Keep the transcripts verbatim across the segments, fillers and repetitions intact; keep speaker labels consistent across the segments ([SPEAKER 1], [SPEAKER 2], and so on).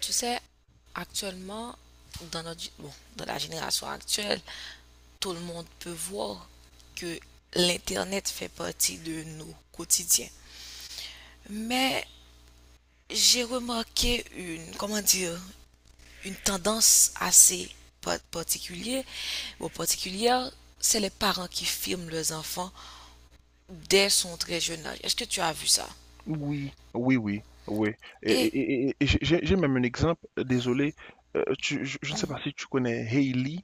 [SPEAKER 1] Tu sais, actuellement, dans notre, bon, dans la génération actuelle, tout le monde peut voir que l'Internet fait partie de nos quotidiens. Mais j'ai remarqué une, comment dire, une tendance assez pa- particulière, ou particulière, c'est les parents qui filment leurs enfants dès son très jeune âge. Est-ce que tu as vu ça?
[SPEAKER 2] Oui, oui, oui, oui. Et,
[SPEAKER 1] Et,
[SPEAKER 2] et- et- et- j'ai j'ai- j'ai même un exemple, euh, désolé, euh, tu- je, je ne sais
[SPEAKER 1] mhm.
[SPEAKER 2] pas si tu connais Hailey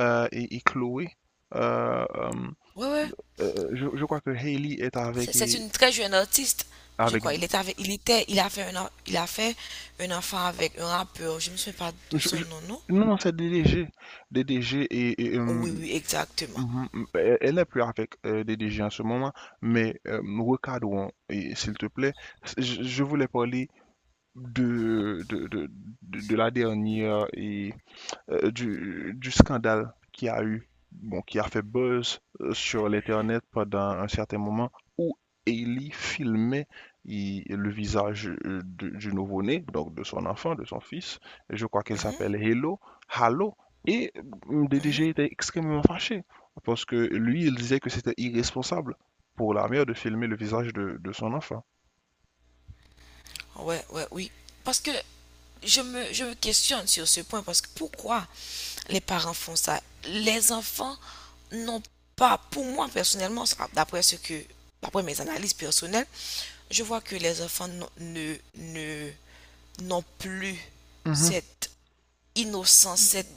[SPEAKER 2] euh, et, et Chloé. Euh, euh,
[SPEAKER 1] Ouais, ouais.
[SPEAKER 2] euh, je, je crois que Hailey est avec...
[SPEAKER 1] C'est
[SPEAKER 2] et-
[SPEAKER 1] une très jeune artiste, je
[SPEAKER 2] avec
[SPEAKER 1] crois. Il est avec, il était, il a fait un, en- il a fait un enfant avec un rappeur. Je ne me souviens pas de
[SPEAKER 2] je-
[SPEAKER 1] son
[SPEAKER 2] je-
[SPEAKER 1] nom, non?
[SPEAKER 2] non, non, c'est D D G. D D G et... et, euh,
[SPEAKER 1] Oui, oui, exactement.
[SPEAKER 2] Mhm. Elle elle n'est plus avec euh, D D G en ce moment, mais euh, recadrons, et s'il te plaît. Je, je voulais parler de, de, de, de de la dernière... euh, du, du scandale qui a eu, bon, qui a fait buzz euh, sur l'Internet pendant un certain moment où Hailey filmait il- le visage euh, de- du nouveau-né, donc de son enfant, de son fils. Je crois qu'elle
[SPEAKER 1] Mhm,
[SPEAKER 2] s'appelle Hello, Halo. Et euh, le
[SPEAKER 1] mhm.
[SPEAKER 2] D D G était extrêmement fâché parce que lui, il disait que c'était irresponsable pour la mère de filmer le visage de, de son enfant.
[SPEAKER 1] Ouais, ouais, oui. Parce que je me, je me questionne sur ce point parce que pourquoi les parents font ça? Les enfants n'ont pas, pour moi personnellement, ça, d'après ce que, d'après mes analyses personnelles, je vois que les enfants n'ont- ne, ne, n'ont plus
[SPEAKER 2] Mhm.
[SPEAKER 1] cette innocence, cette,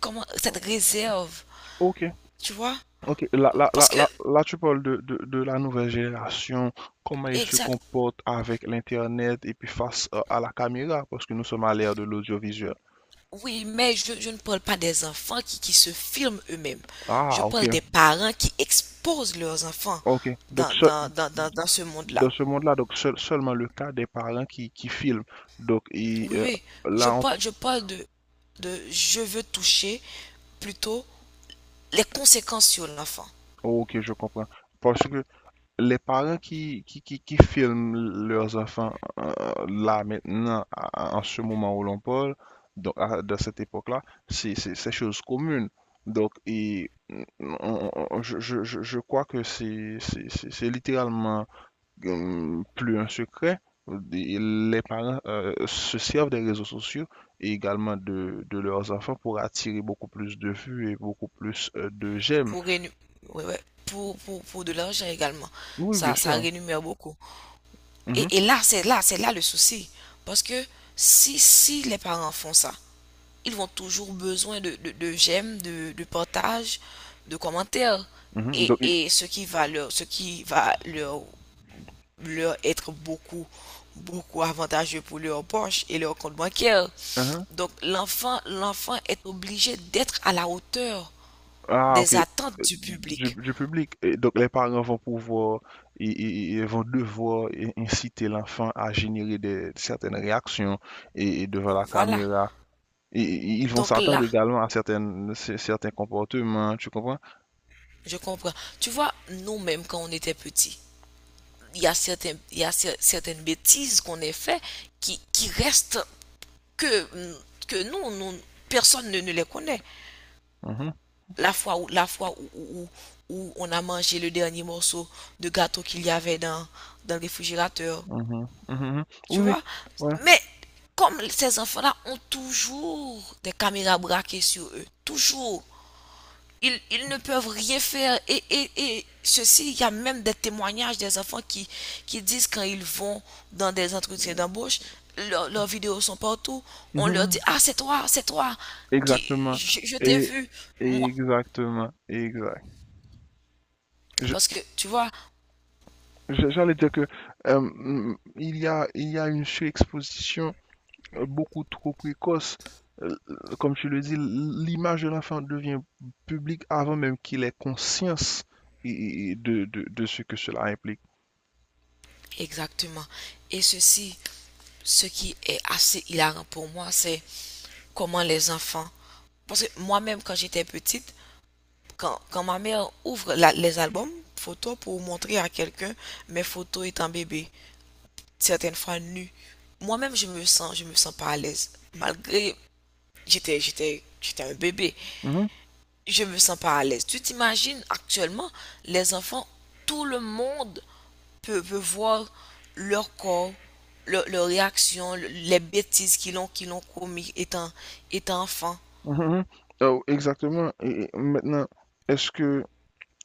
[SPEAKER 1] comment, cette réserve,
[SPEAKER 2] Ok.
[SPEAKER 1] tu vois?
[SPEAKER 2] Ok, là, là, là,
[SPEAKER 1] Parce que,
[SPEAKER 2] là, là, tu parles de, de, de la nouvelle génération, comment ils se
[SPEAKER 1] Exact,
[SPEAKER 2] comportent avec l'Internet et puis face à, à la caméra, parce que nous sommes à l'ère de l'audiovisuel.
[SPEAKER 1] oui, mais je, je ne parle pas des enfants qui, qui se filment eux-mêmes. Je
[SPEAKER 2] Ah, ok,
[SPEAKER 1] parle des parents qui exposent leurs enfants
[SPEAKER 2] ok. Donc,
[SPEAKER 1] dans,
[SPEAKER 2] ce-
[SPEAKER 1] dans, dans, dans, dans ce monde-là.
[SPEAKER 2] dans ce monde-là, donc seul- seulement le cas des parents qui, qui filment. Donc, et,
[SPEAKER 1] Oui,
[SPEAKER 2] euh,
[SPEAKER 1] oui, je
[SPEAKER 2] là,
[SPEAKER 1] parle, je parle de, de je veux toucher plutôt les conséquences sur l'enfant.
[SPEAKER 2] on- ok, je comprends. Parce que les parents qui, qui, qui, qui filment leurs enfants euh, là maintenant, à- en ce moment où l'on parle, donc à- de cette époque-là, c'est c'est- c'est chose commune. Donc, et, mm, on- on- je, je- je- je crois que c'est c'est- c'est- c'est littéralement hum, plus un secret. Et Les parents euh, se servent des réseaux sociaux et également de, de leurs enfants pour attirer beaucoup plus de vues et beaucoup plus euh, de j'aime.
[SPEAKER 1] pour, rénu- ouais, ouais, pour, pour, pour de l'argent également.
[SPEAKER 2] Oui, bien
[SPEAKER 1] Ça, ça
[SPEAKER 2] sûr, hein.
[SPEAKER 1] rémunère beaucoup.
[SPEAKER 2] Mhm,
[SPEAKER 1] Et, et là, c'est là, c'est là le souci. Parce que si, si les parents font ça, ils vont toujours besoin de, de, de j'aime, de, de partage, de commentaires.
[SPEAKER 2] mhm.
[SPEAKER 1] Et,
[SPEAKER 2] Donc, et-
[SPEAKER 1] et ce qui va leur, ce qui va leur, leur être beaucoup, beaucoup avantageux pour leur poche et leur compte bancaire.
[SPEAKER 2] mhm.
[SPEAKER 1] Donc l'enfant, l'enfant est obligé d'être à la hauteur
[SPEAKER 2] Ah, ok.
[SPEAKER 1] des
[SPEAKER 2] Euh,
[SPEAKER 1] attentes du
[SPEAKER 2] Du,
[SPEAKER 1] public.
[SPEAKER 2] du public. Et donc, les parents vont pouvoir, ils, ils- ils vont devoir i- inciter l'enfant à générer des, certaines réactions et, et devant la
[SPEAKER 1] Voilà.
[SPEAKER 2] caméra. Et, et- ils vont
[SPEAKER 1] Donc là,
[SPEAKER 2] s'attendre également à certaines, c- certains comportements, tu comprends?
[SPEAKER 1] je comprends. Tu vois, nous-mêmes, quand on était petits, il y a, certains, il y a certaines bêtises qu'on a fait qui, qui restent que, que nous, nous- personne ne, ne les connaît.
[SPEAKER 2] Mhm,
[SPEAKER 1] La fois où, la fois où, où- où on a mangé le dernier morceau de gâteau qu'il y avait dans, dans le réfrigérateur,
[SPEAKER 2] mhm, mhm. Oui,
[SPEAKER 1] tu
[SPEAKER 2] oui.
[SPEAKER 1] vois.
[SPEAKER 2] Ouais.
[SPEAKER 1] Mais comme ces enfants-là ont toujours des caméras braquées sur eux, toujours. ils, ils ne peuvent rien faire. Et, et, et ceci, il y a même des témoignages des enfants qui, qui disent quand ils vont dans des entretiens d'embauche, leur- leurs vidéos sont partout. On leur dit,
[SPEAKER 2] Mhm,
[SPEAKER 1] ah, c'est toi, c'est toi, qui,
[SPEAKER 2] Exactement.
[SPEAKER 1] je, je t'ai
[SPEAKER 2] Et
[SPEAKER 1] vu, moi.
[SPEAKER 2] exactement. Exact. Je-
[SPEAKER 1] Parce que, tu vois,
[SPEAKER 2] je- J'allais dire que euh, mm, il y a, il y a une surexposition euh, beaucoup trop précoce. Euh, euh, Comme tu le dis, l'image de l'enfant devient publique avant même qu'il ait conscience et- et de, de, de ce que cela implique.
[SPEAKER 1] exactement. Et ceci, ce qui est assez hilarant pour moi, c'est comment les enfants. Parce que moi-même, quand j'étais petite, quand, quand ma mère ouvre la- les albums photos pour montrer à quelqu'un mes photos étant bébé, certaines fois nues, moi-même je me sens, je me sens pas à l'aise. Malgré, j'étais, j'étais, j'étais un bébé,
[SPEAKER 2] Mhm,
[SPEAKER 1] je me sens pas à l'aise. Tu t'imagines actuellement, les enfants, tout le monde peut, peut voir leur corps, leur, leur réaction, le- les bêtises qu'ils ont, qu'ils ont commis étant, étant enfant.
[SPEAKER 2] mhm, mhm. Oh, exactement. Et et maintenant, est-ce que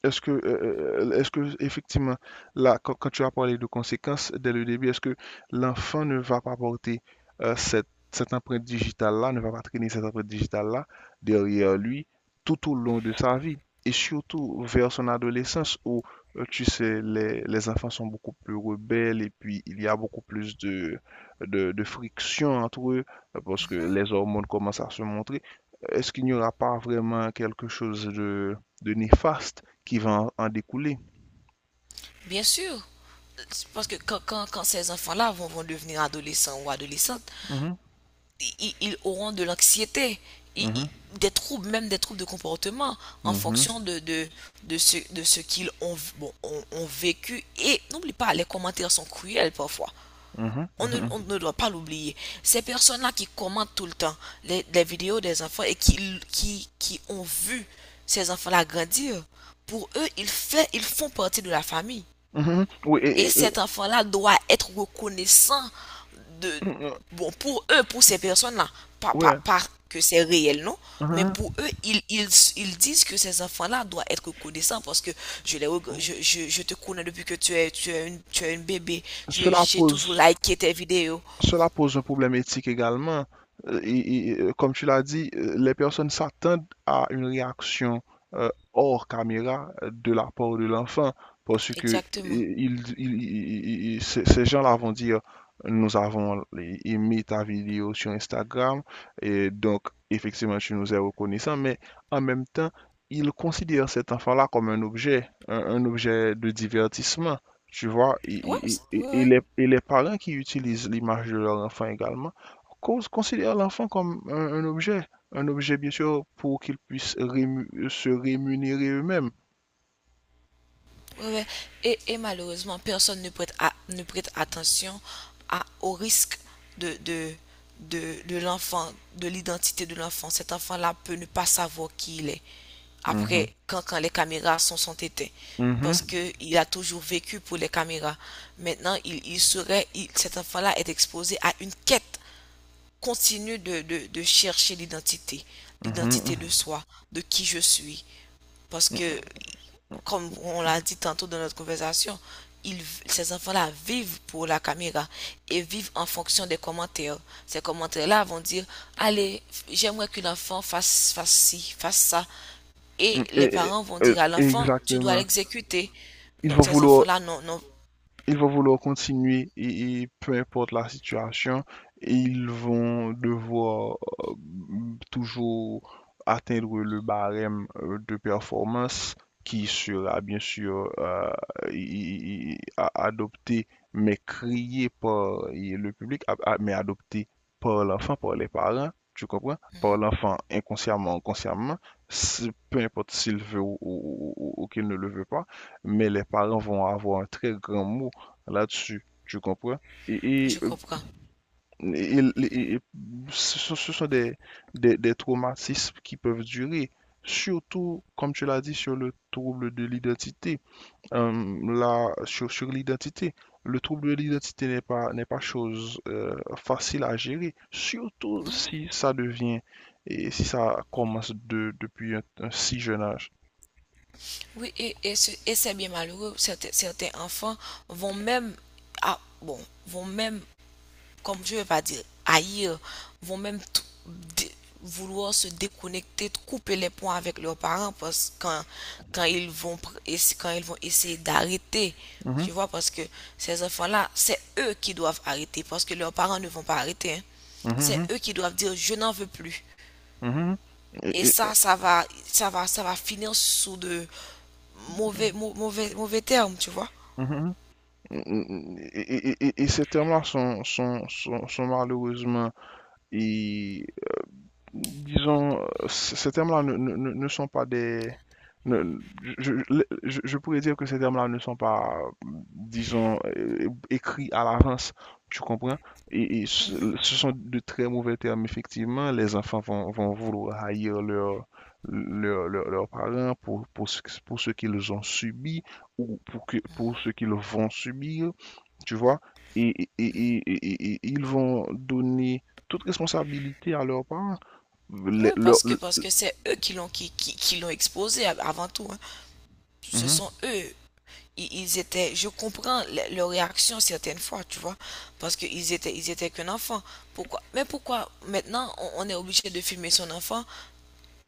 [SPEAKER 2] Est-ce que, euh, euh, euh, est-ce que, effectivement, là, quand, quand tu as parlé de conséquences dès le début, est-ce que l'enfant ne va pas porter euh, cette, cette empreinte digitale-là, ne va pas traîner cette empreinte digitale-là derrière lui tout au long de sa vie? Et surtout vers son adolescence où, euh, tu sais, les, les enfants sont beaucoup plus rebelles et puis il y a beaucoup plus de, de, de friction entre eux euh, parce que les hormones commencent à se montrer. Est-ce qu'il n'y aura pas vraiment quelque chose de de néfaste qui va en en découler?
[SPEAKER 1] Bien sûr, parce que quand, quand- quand ces enfants-là vont, vont, devenir adolescents ou adolescentes,
[SPEAKER 2] Mhm,
[SPEAKER 1] i- ils, auront de l'anxiété, i- i-
[SPEAKER 2] mhm,
[SPEAKER 1] des troubles, même des troubles de comportement en
[SPEAKER 2] mhm,
[SPEAKER 1] fonction de, de, de ce, de ce qu'ils ont, bon, ont- ont vécu. Et n'oublie pas, les commentaires sont cruels parfois.
[SPEAKER 2] mhm,
[SPEAKER 1] On ne, on
[SPEAKER 2] mhm,
[SPEAKER 1] ne doit pas l'oublier. Ces personnes-là qui commentent tout le temps les, les vidéos des enfants et qui, qui, qui ont vu ces enfants-là grandir, pour eux, ils, fait, ils font partie de la famille.
[SPEAKER 2] mhm. Oui, et-
[SPEAKER 1] Et
[SPEAKER 2] et- et,
[SPEAKER 1] cet enfant-là doit être reconnaissant de,
[SPEAKER 2] mhm,
[SPEAKER 1] bon, pour eux, pour ces personnes-là, pas, pas,
[SPEAKER 2] ouais,
[SPEAKER 1] pas que c'est réel, non? Mais
[SPEAKER 2] mhm.
[SPEAKER 1] pour eux, ils, ils, ils disent que ces enfants-là doivent être reconnaissants parce que je, les, je, je, je te connais depuis que tu es, tu es, une, tu es une bébé. Je-
[SPEAKER 2] Cela
[SPEAKER 1] J'ai
[SPEAKER 2] pose
[SPEAKER 1] toujours liké tes vidéos.
[SPEAKER 2] Cela pose un problème éthique également. Euh, et- et, euh, comme tu l'as dit, euh, les personnes s'attendent à une réaction euh, hors caméra euh, de la part de l'enfant parce que euh,
[SPEAKER 1] Exactement.
[SPEAKER 2] ils- ils- ils- ils- ces ces gens-là vont dire, nous avons aimé ta vidéo sur Instagram et donc effectivement tu nous es reconnaissant, mais en même temps, ils considèrent cet enfant-là comme un objet, un un objet de divertissement. Tu vois, et,
[SPEAKER 1] Ouais,
[SPEAKER 2] et-
[SPEAKER 1] ouais,
[SPEAKER 2] et- et
[SPEAKER 1] ouais.
[SPEAKER 2] les, et les parents qui utilisent l'image de leur enfant également cons- considèrent l'enfant comme un, un objet, un objet bien sûr pour qu'ils puissent rému- se rémunérer eux-mêmes.
[SPEAKER 1] Ouais, ouais. Et, et malheureusement, personne ne prête, à- ne prête attention à, au risque de, de, de, de l'enfant, de l'identité de l'enfant. Cet enfant-là peut ne pas savoir qui il est
[SPEAKER 2] Mhm,
[SPEAKER 1] après, quand, quand les caméras sont, sont éteintes.
[SPEAKER 2] mhm,
[SPEAKER 1] Parce qu'il a toujours vécu pour les caméras. Maintenant, il, il serait, il- cet enfant-là est exposé à une quête continue de, de, de chercher l'identité,
[SPEAKER 2] mhm,
[SPEAKER 1] l'identité de
[SPEAKER 2] mhm,
[SPEAKER 1] soi, de qui je suis, parce que,
[SPEAKER 2] mhm,
[SPEAKER 1] comme on l'a dit tantôt dans notre conversation, ils- ces enfants-là vivent pour la caméra et vivent en fonction des commentaires. Ces commentaires-là vont dire, allez, j'aimerais que l'enfant fasse, fasse ci, fasse ça. Et
[SPEAKER 2] mhm,
[SPEAKER 1] les
[SPEAKER 2] et- et-
[SPEAKER 1] parents vont
[SPEAKER 2] et-
[SPEAKER 1] dire à l'enfant, tu dois
[SPEAKER 2] exactement.
[SPEAKER 1] l'exécuter.
[SPEAKER 2] Ils vont
[SPEAKER 1] Donc ces
[SPEAKER 2] vouloir
[SPEAKER 1] enfants-là, non, non.
[SPEAKER 2] Ils vont vouloir continuer et, et peu importe la situation, ils vont devoir euh, toujours atteindre le barème euh, de performance qui sera bien sûr euh, i- i- a- adopté, mais crié par et le public, a- a- mais adopté par l'enfant, par les parents. Tu comprends? Par
[SPEAKER 1] Mhm,
[SPEAKER 2] l'enfant inconsciemment, consciemment, si- peu importe s'il veut ou, ou- ou- ou qu'il ne le veut pas, mais les parents vont avoir un très grand mot là-dessus, tu comprends? Et, et,
[SPEAKER 1] je
[SPEAKER 2] euh,
[SPEAKER 1] comprends.
[SPEAKER 2] et- et- et ce ce sont des, des, des traumatismes qui peuvent durer, surtout, comme tu l'as dit, sur le trouble de l'identité. Euh, là, sur, sur l'identité, le trouble de l'identité n'est pas, n'est pas chose euh, facile à gérer, surtout
[SPEAKER 1] Non, non.
[SPEAKER 2] si ça devient et si ça commence de, depuis un, un si jeune âge.
[SPEAKER 1] Oui, et, et ce- et c'est bien malheureux. Certains, certains enfants vont même, ah, bon, vont même comme je ne veux pas dire haïr, vont même tout- dé- vouloir se déconnecter, couper les ponts avec leurs parents parce quand, quand ils vont pr- essa- quand ils vont essayer d'arrêter,
[SPEAKER 2] Mhm,
[SPEAKER 1] tu vois, parce que ces enfants-là, c'est eux qui doivent arrêter parce que leurs parents ne vont pas arrêter, hein. C'est
[SPEAKER 2] mhm,
[SPEAKER 1] eux qui doivent dire je n'en veux plus.
[SPEAKER 2] mhm, mhm.
[SPEAKER 1] Et
[SPEAKER 2] Et- et-
[SPEAKER 1] ça, ça va, ça va, ça va finir sous de mauvais, mau- mauvais, mauvais termes, tu vois.
[SPEAKER 2] mhm. Et, et- et- et ces termes-là sont, sont, sont, sont malheureusement, et, disons, c- ces termes-là ne, ne, ne ne sont pas des... ne- je, je- je- je pourrais dire que ces termes-là ne sont pas, disons, euh, écrits à l'avance, tu comprends? Et, et ce ce sont de très mauvais termes, effectivement. Les enfants vont, vont vouloir haïr leur, leur- leur- leurs parents pour, pour, ce- pour ce qu'ils ont subi ou pour, que, pour ce qu'ils vont subir, tu vois, et, et- et- et- et- ils vont donner toute responsabilité à leurs parents.
[SPEAKER 1] Oui,
[SPEAKER 2] Les- leur-
[SPEAKER 1] parce que
[SPEAKER 2] le-
[SPEAKER 1] parce que c'est eux qui l'ont qui, qui, qui l'ont exposé av- avant tout, hein. Ce
[SPEAKER 2] Mhm,
[SPEAKER 1] sont eux i- ils étaient, je comprends le- leur réaction certaines fois, tu vois, parce qu'ils étaient, ils étaient qu'un enfant. Pourquoi? Mais pourquoi maintenant on, on est obligé de filmer son enfant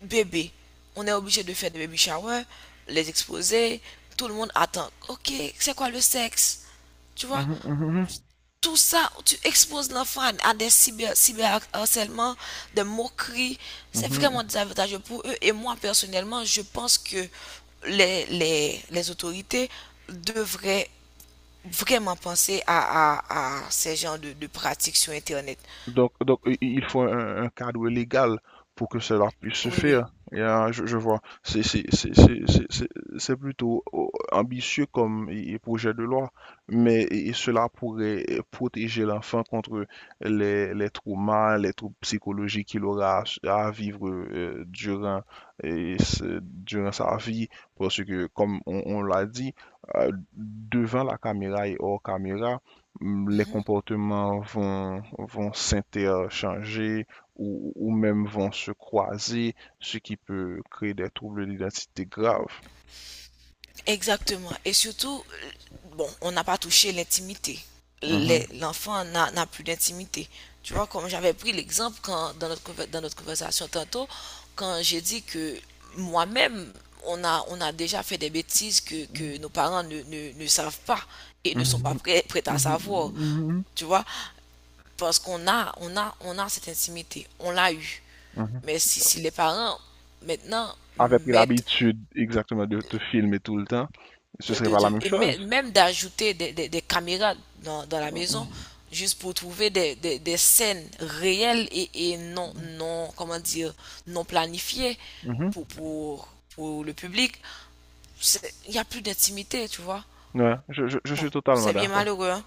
[SPEAKER 1] bébé? On est obligé de faire des baby showers, les exposer, tout le monde attend. Ok, c'est quoi le sexe? Tu vois,
[SPEAKER 2] mhm, mhm,
[SPEAKER 1] tout ça, tu exposes l'enfant à à des cyber, cyberharcèlements, des moqueries. C'est
[SPEAKER 2] mhm,
[SPEAKER 1] vraiment
[SPEAKER 2] mhm.
[SPEAKER 1] désavantageux pour eux. Et moi, personnellement, je pense que les, les, les autorités devraient vraiment penser à, à, à ces genres de, de pratiques sur Internet.
[SPEAKER 2] Donc, donc, i- i- il faut un, un cadre légal pour que cela puisse se
[SPEAKER 1] Oui, oui.
[SPEAKER 2] faire. Et, euh, je, je vois, c'est c'est- c'est- c'est- c'est- c'est- c'est plutôt oh, ambitieux comme i- i- projet de loi, mais i- cela pourrait protéger l'enfant contre les, les traumas, les troubles psychologiques qu'il aura à, à vivre euh, durant, et ce- durant sa vie, parce que, comme on, on l'a dit, euh, devant la caméra et hors caméra, les
[SPEAKER 1] Mhm.
[SPEAKER 2] comportements vont, vont s'interchanger ou, ou même vont se croiser, ce qui peut créer des troubles d'identité graves.
[SPEAKER 1] Exactement. Et surtout, euh, bon, on n'a pas touché l'intimité. Les-
[SPEAKER 2] Mhm,
[SPEAKER 1] L'enfant n'a n'a plus d'intimité. Tu vois, comme j'avais pris l'exemple quand dans notre conver- dans notre conversation tantôt, quand j'ai dit que moi-même, on a on a déjà fait des bêtises que, que nos parents ne, ne, ne savent pas et ne sont pas
[SPEAKER 2] mhm,
[SPEAKER 1] prêts, prêts à
[SPEAKER 2] mhm,
[SPEAKER 1] savoir.
[SPEAKER 2] mhm,
[SPEAKER 1] Tu vois, parce qu'on a on a on a cette intimité, on l'a eu.
[SPEAKER 2] mhm.
[SPEAKER 1] Mais si, si les parents, maintenant,
[SPEAKER 2] Avait pris
[SPEAKER 1] mettent,
[SPEAKER 2] l'habitude exactement de te filmer tout le temps, ce
[SPEAKER 1] de,
[SPEAKER 2] serait
[SPEAKER 1] de-
[SPEAKER 2] pas la
[SPEAKER 1] de-
[SPEAKER 2] même
[SPEAKER 1] et
[SPEAKER 2] chose.
[SPEAKER 1] mè- même d'ajouter des, des- des caméras dans, dans la maison,
[SPEAKER 2] Mhm,
[SPEAKER 1] juste pour trouver des, des- des scènes réelles et, et non, non, comment dire, non planifiées
[SPEAKER 2] mhm.
[SPEAKER 1] pour, pour, pour le public, c'est- il n'y a plus d'intimité, tu vois.
[SPEAKER 2] Ouais, je, je- je
[SPEAKER 1] Bon,
[SPEAKER 2] suis totalement
[SPEAKER 1] c'est bien
[SPEAKER 2] d'accord.
[SPEAKER 1] malheureux, hein.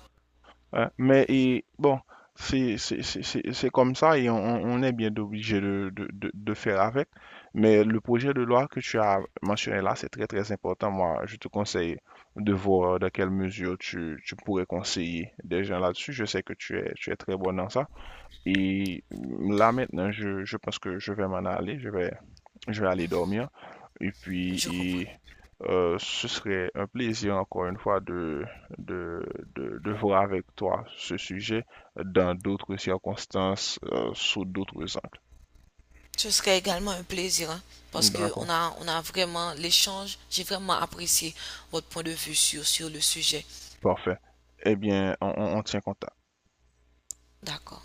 [SPEAKER 2] Ouais, mais et, bon, c'est c'est- c'est- c'est- c'est comme ça et on, on est bien obligé de, de, de, de faire avec. Mais le projet de loi que tu as mentionné là, c'est très très important. Moi, je te conseille de voir dans quelle mesure tu, tu pourrais conseiller des gens là-dessus. Je sais que tu es, tu es très bon dans ça. Et là maintenant, je, je pense que je vais m'en aller. Je vais je vais aller dormir. Et puis,
[SPEAKER 1] Je comprends.
[SPEAKER 2] et, euh, ce serait un plaisir, encore une fois, de, de, de, de voir avec toi ce sujet dans d'autres circonstances, euh, sous d'autres angles.
[SPEAKER 1] Ce serait également un plaisir, hein, parce que on
[SPEAKER 2] D'accord,
[SPEAKER 1] a, on a vraiment l'échange. J'ai vraiment apprécié votre point de vue sur, sur le sujet.
[SPEAKER 2] parfait. Eh bien, on on- on tient contact.
[SPEAKER 1] D'accord.